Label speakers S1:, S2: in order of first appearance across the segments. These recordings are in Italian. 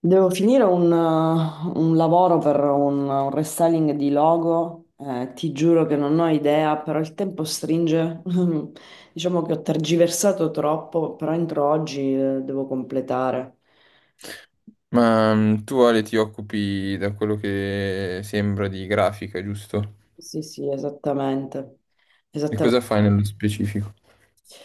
S1: Devo finire un lavoro per un restyling di logo, ti giuro che non ho idea, però il tempo stringe. Diciamo che ho tergiversato troppo, però entro oggi, devo completare.
S2: Tu Ale ti occupi da quello che sembra di grafica, giusto?
S1: Sì, sì, esattamente.
S2: E
S1: Esattamente.
S2: cosa fai nello specifico?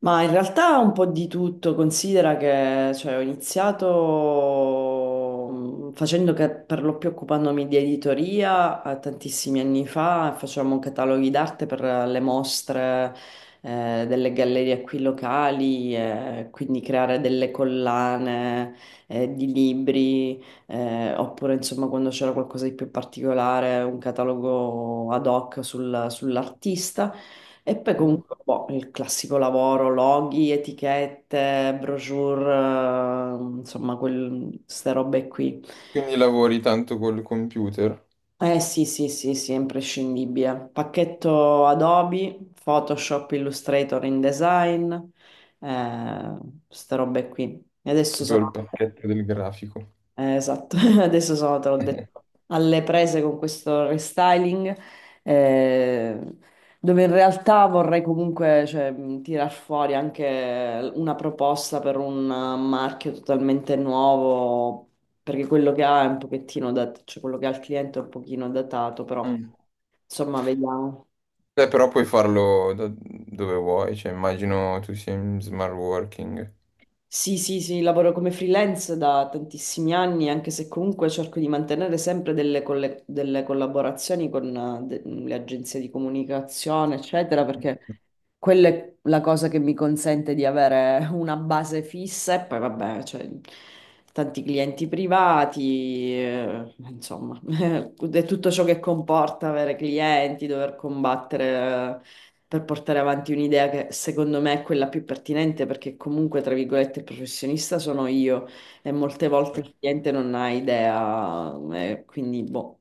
S1: Ma in realtà un po' di tutto, considera che cioè, ho iniziato facendo che per lo più occupandomi di editoria, tantissimi anni fa, facevamo cataloghi d'arte per, le mostre, delle gallerie qui locali, quindi creare delle collane, di libri, oppure insomma quando c'era qualcosa di più particolare, un catalogo ad hoc sull'artista. E poi
S2: Mm.
S1: comunque boh, il classico lavoro, loghi, etichette, brochure, insomma, ste robe qui.
S2: Quindi lavori tanto col computer,
S1: Eh sì, sì, sì, sì, è imprescindibile. Pacchetto Adobe, Photoshop, Illustrator, InDesign, eh, ste robe qui. E adesso
S2: proprio il
S1: sono
S2: pacchetto del grafico.
S1: Esatto. Adesso sono, te l'ho detto, alle prese con questo restyling, eh, dove in realtà vorrei comunque, cioè, tirar fuori anche una proposta per un, marchio totalmente nuovo, perché quello che ha è un pochettino cioè quello che ha il cliente è un pochino datato, però
S2: Mm.
S1: insomma, vediamo.
S2: Beh, però puoi farlo da dove vuoi, cioè immagino tu sia in smart working.
S1: Sì, sì, sì, lavoro come freelance da tantissimi anni, anche se comunque cerco di mantenere sempre delle collaborazioni con, le agenzie di comunicazione, eccetera, perché quella è la cosa che mi consente di avere una base fissa e poi vabbè, cioè, tanti clienti privati, insomma, è tutto ciò che comporta avere clienti, dover combattere, per portare avanti un'idea che secondo me è quella più pertinente perché comunque, tra virgolette, il professionista sono io e molte volte il cliente non ha idea, e quindi boh.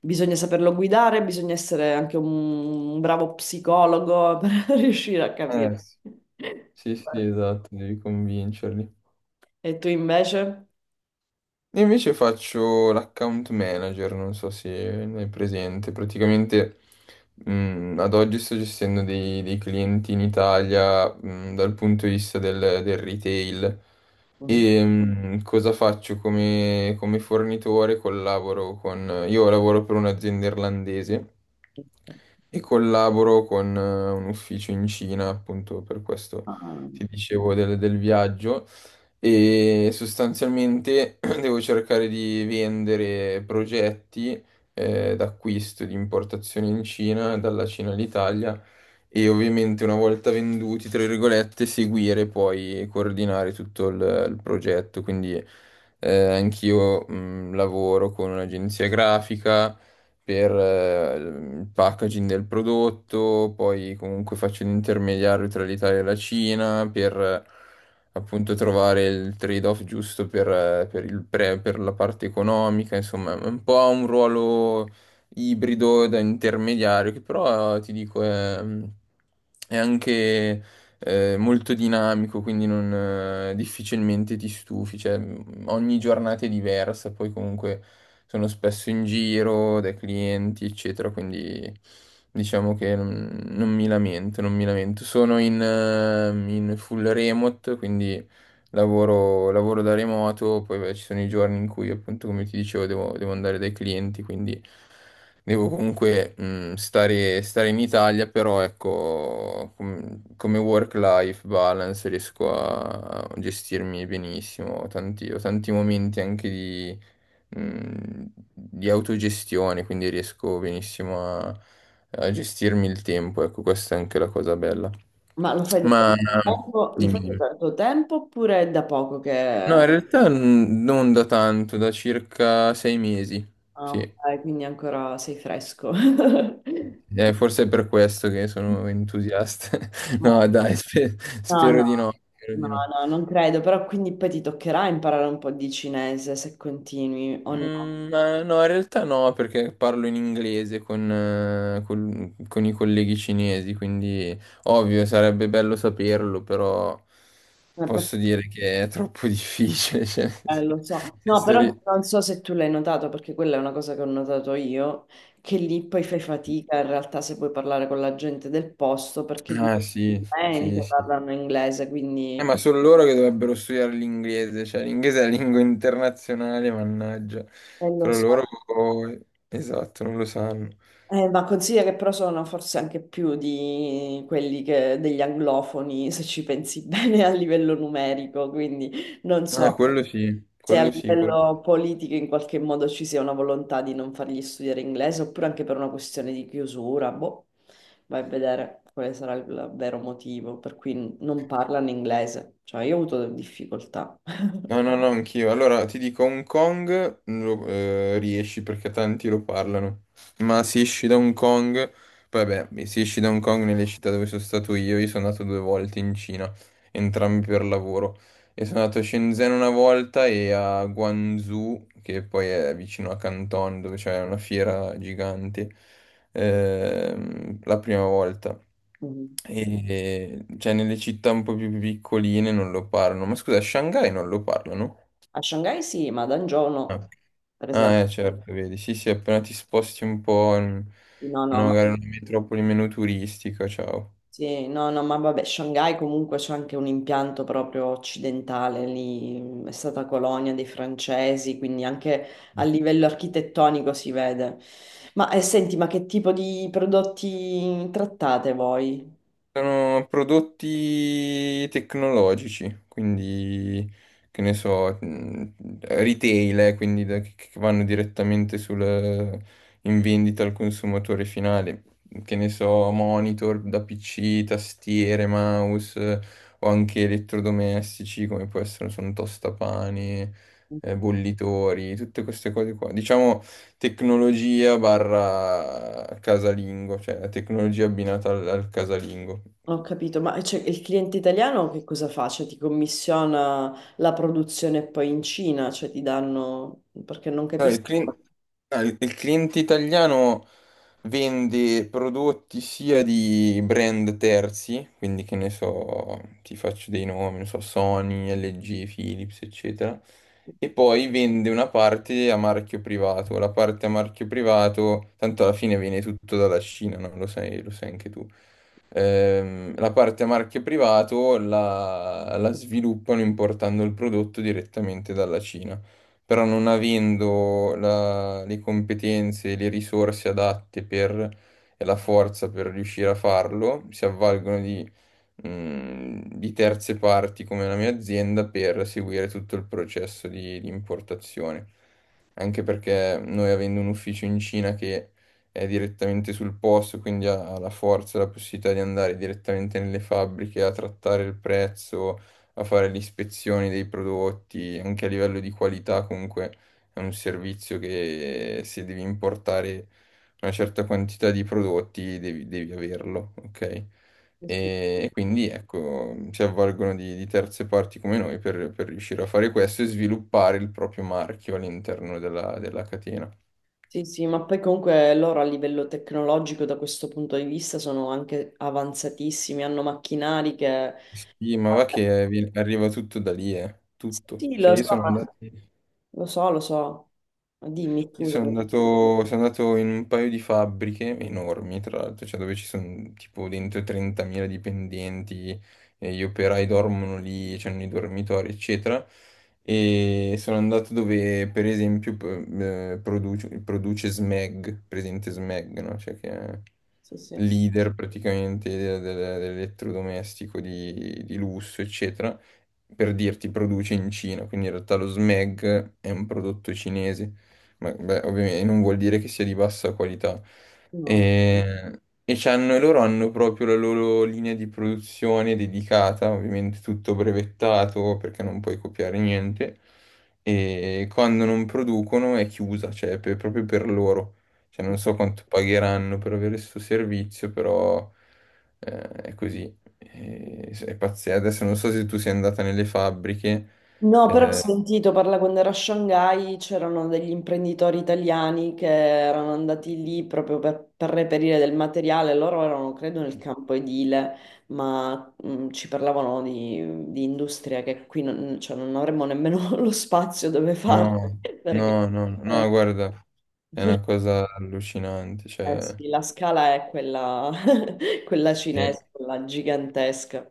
S1: Bisogna saperlo guidare, bisogna essere anche un bravo psicologo per riuscire a capire.
S2: Sì, sì, sì, esatto, devi convincerli.
S1: E tu invece?
S2: Io invece faccio l'account manager, non so se ne hai presente. Praticamente ad oggi sto gestendo dei clienti in Italia dal punto di vista del retail.
S1: Mhm.
S2: E cosa faccio come, come fornitore? Collaboro con... Io lavoro per un'azienda irlandese e collaboro con un ufficio in Cina, appunto per questo
S1: Ah.
S2: ti dicevo del viaggio e sostanzialmente devo cercare di vendere progetti d'acquisto, di importazione in Cina, dalla Cina all'Italia e ovviamente una volta venduti, tra virgolette, seguire poi e coordinare tutto il progetto. Quindi anch'io lavoro con un'agenzia grafica per il packaging del prodotto, poi comunque faccio l'intermediario tra l'Italia e la Cina per appunto trovare il trade-off giusto per per la parte economica, insomma, è un po' un ruolo ibrido da intermediario, che però ti dico è anche molto dinamico, quindi non, difficilmente ti stufi, cioè ogni giornata è diversa, poi comunque sono spesso in giro dai clienti, eccetera, quindi diciamo che non mi lamento, non mi lamento. Sono in full remote, quindi lavoro da remoto, poi beh, ci sono i giorni in cui appunto come ti dicevo devo andare dai clienti, quindi devo comunque stare in Italia, però ecco come work-life balance riesco a gestirmi benissimo, ho tanti momenti anche mh, di autogestione, quindi riesco benissimo a gestirmi il tempo, ecco questa è anche la cosa bella.
S1: Ma lo fai da tanto
S2: Ma Sì,
S1: tempo, lo
S2: dimmi,
S1: fai
S2: dimmi.
S1: da tanto tempo oppure è da poco
S2: No,
S1: che...
S2: in realtà non da tanto, da circa 6 mesi.
S1: Ah,
S2: Sì,
S1: ok, quindi ancora sei fresco. No.
S2: eh, forse è per questo che sono entusiasta.
S1: No,
S2: No, dai,
S1: no,
S2: spero
S1: no,
S2: di no, spero di no.
S1: no, non credo, però quindi poi ti toccherà imparare un po' di cinese se continui o
S2: Ma no, in realtà no, perché parlo in inglese con, con i colleghi cinesi, quindi ovvio, sarebbe bello saperlo, però
S1: no.
S2: posso dire che è troppo difficile. cioè,
S1: Lo so,
S2: nel
S1: no,
S2: senso,
S1: però
S2: ri-
S1: non so se tu l'hai notato, perché quella è una cosa che ho notato io, che lì poi fai fatica in realtà se puoi parlare con la gente del posto, perché
S2: Ah, sì, sì,
S1: difficilmente
S2: sì.
S1: parlano inglese,
S2: Ma
S1: quindi,
S2: sono loro che dovrebbero studiare l'inglese, cioè l'inglese è la lingua internazionale, mannaggia.
S1: lo
S2: Però
S1: so.
S2: loro, esatto, non lo sanno.
S1: Ma consiglia che però sono forse anche più di degli anglofoni, se ci pensi bene a livello numerico, quindi non so
S2: Quello sì,
S1: se a
S2: quello sì, quello-
S1: livello politico in qualche modo ci sia una volontà di non fargli studiare inglese oppure anche per una questione di chiusura, boh, vai a vedere quale sarà il vero motivo per cui non parlano inglese. Cioè, io ho avuto difficoltà.
S2: No, no, no, anch'io. Allora, ti dico, Hong Kong lo, riesci perché tanti lo parlano, ma se esci da Hong Kong, poi vabbè, se esci da Hong Kong nelle città dove sono stato io sono andato 2 volte in Cina, entrambi per lavoro. E sono andato a Shenzhen una volta e a Guangzhou, che poi è vicino a Canton, dove c'è una fiera gigante, la prima volta.
S1: Mhm.
S2: E cioè nelle città un po' più piccoline non lo parlano. Ma scusa, a Shanghai non lo parlano?
S1: A Shanghai sì, ma a Dangiò no,
S2: No.
S1: per esempio.
S2: Ah, certo, vedi. Sì, sì, appena ti sposti un po' in,
S1: No,
S2: in
S1: no, ma
S2: magari una metropoli meno turistica, ciao.
S1: Sì, no, no, ma vabbè, Shanghai comunque c'è anche un impianto proprio occidentale, lì è stata colonia dei francesi, quindi anche a livello architettonico si vede. Ma, senti, ma che tipo di prodotti trattate voi?
S2: Sono prodotti tecnologici, quindi che ne so, retail, quindi che vanno direttamente sul, in vendita al consumatore finale. Che ne so, monitor da PC, tastiere, mouse o anche elettrodomestici come può essere, sono tostapane, bollitori, tutte queste cose qua. Diciamo tecnologia barra casalingo, cioè la tecnologia abbinata al, al casalingo.
S1: Non ho capito, ma, cioè, il cliente italiano che cosa fa? Cioè ti commissiona la produzione poi in Cina, cioè ti danno... perché non
S2: No, il
S1: capisco.
S2: clin- no, il cliente italiano vende prodotti sia di brand terzi, quindi che ne so, ti faccio dei nomi, non so, Sony, LG, Philips, eccetera, e poi vende una parte a marchio privato. La parte a marchio privato, tanto alla fine viene tutto dalla Cina, no? Lo sai anche tu. La parte a marchio privato la sviluppano importando il prodotto direttamente dalla Cina però non avendo le competenze e le risorse adatte per, e la forza per riuscire a farlo, si avvalgono di terze parti come la mia azienda per seguire tutto il processo di importazione. Anche perché noi avendo un ufficio in Cina che è direttamente sul posto, quindi ha la forza e la possibilità di andare direttamente nelle fabbriche a trattare il prezzo a fare le ispezioni dei prodotti, anche a livello di qualità comunque è un servizio che se devi importare una certa quantità di prodotti devi averlo, ok? E quindi ecco, si avvalgono di terze parti come noi per riuscire a fare questo e sviluppare il proprio marchio all'interno della, della catena.
S1: Sì, sì, ma poi comunque loro a livello tecnologico da questo punto di vista sono anche avanzatissimi, hanno macchinari che...
S2: Sì, ma va che arriva tutto da lì,
S1: Sì,
S2: tutto.
S1: sì,
S2: Cioè
S1: lo
S2: io
S1: so,
S2: sono andato...
S1: lo so, lo so. Dimmi,
S2: Io
S1: scusami.
S2: sono andato in un paio di fabbriche enormi, tra l'altro, cioè dove ci sono tipo dentro 30.000 dipendenti, e gli operai dormono lì, c'hanno i dormitori, eccetera. E sono andato dove, per esempio, produce Smeg, presente Smeg, no? Cioè che è
S1: Sì, sì.
S2: leader praticamente dell'elettrodomestico di lusso, eccetera. Per dirti, produce in Cina, quindi in realtà lo Smeg è un prodotto cinese beh, ovviamente non vuol dire che sia di bassa qualità. Mm.
S1: No.
S2: E, loro hanno proprio la loro linea di produzione dedicata, ovviamente tutto brevettato perché non puoi copiare niente. E quando non producono è chiusa, cioè proprio per loro. Cioè, non
S1: Sì.
S2: so quanto pagheranno per avere questo servizio, però è così. E- È pazzesco. Adesso non so se tu sei andata nelle fabbriche.
S1: No, però ho sentito parlare quando ero a Shanghai, c'erano degli imprenditori italiani che erano andati lì proprio per reperire del materiale, loro erano credo nel campo edile, ma ci parlavano di industria che qui non, cioè, non avremmo nemmeno lo spazio dove farlo,
S2: No,
S1: perché,
S2: no, no, no,
S1: eh,
S2: guarda, è una cosa allucinante,
S1: eh
S2: cioè,
S1: sì, la scala è quella, quella
S2: sì.
S1: cinese, quella gigantesca.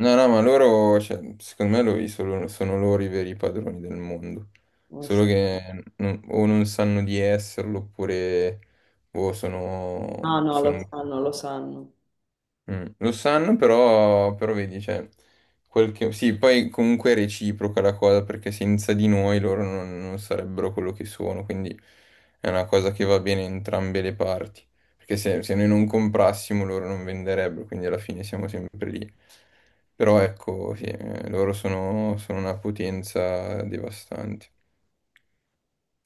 S2: No, no, ma loro, cioè, secondo me sono loro i veri padroni del mondo,
S1: Eh
S2: solo
S1: sì.
S2: che o non sanno di esserlo oppure boh,
S1: Ah no, lo
S2: sono
S1: sanno, lo sanno.
S2: Lo sanno, però, però vedi, cioè, quel che- sì, poi comunque è reciproca la cosa, perché senza di noi loro non sarebbero quello che sono, quindi è una cosa che va bene in entrambe le parti, perché se noi non comprassimo loro non venderebbero, quindi alla fine siamo sempre lì. Però ecco, sì, loro sono una potenza devastante.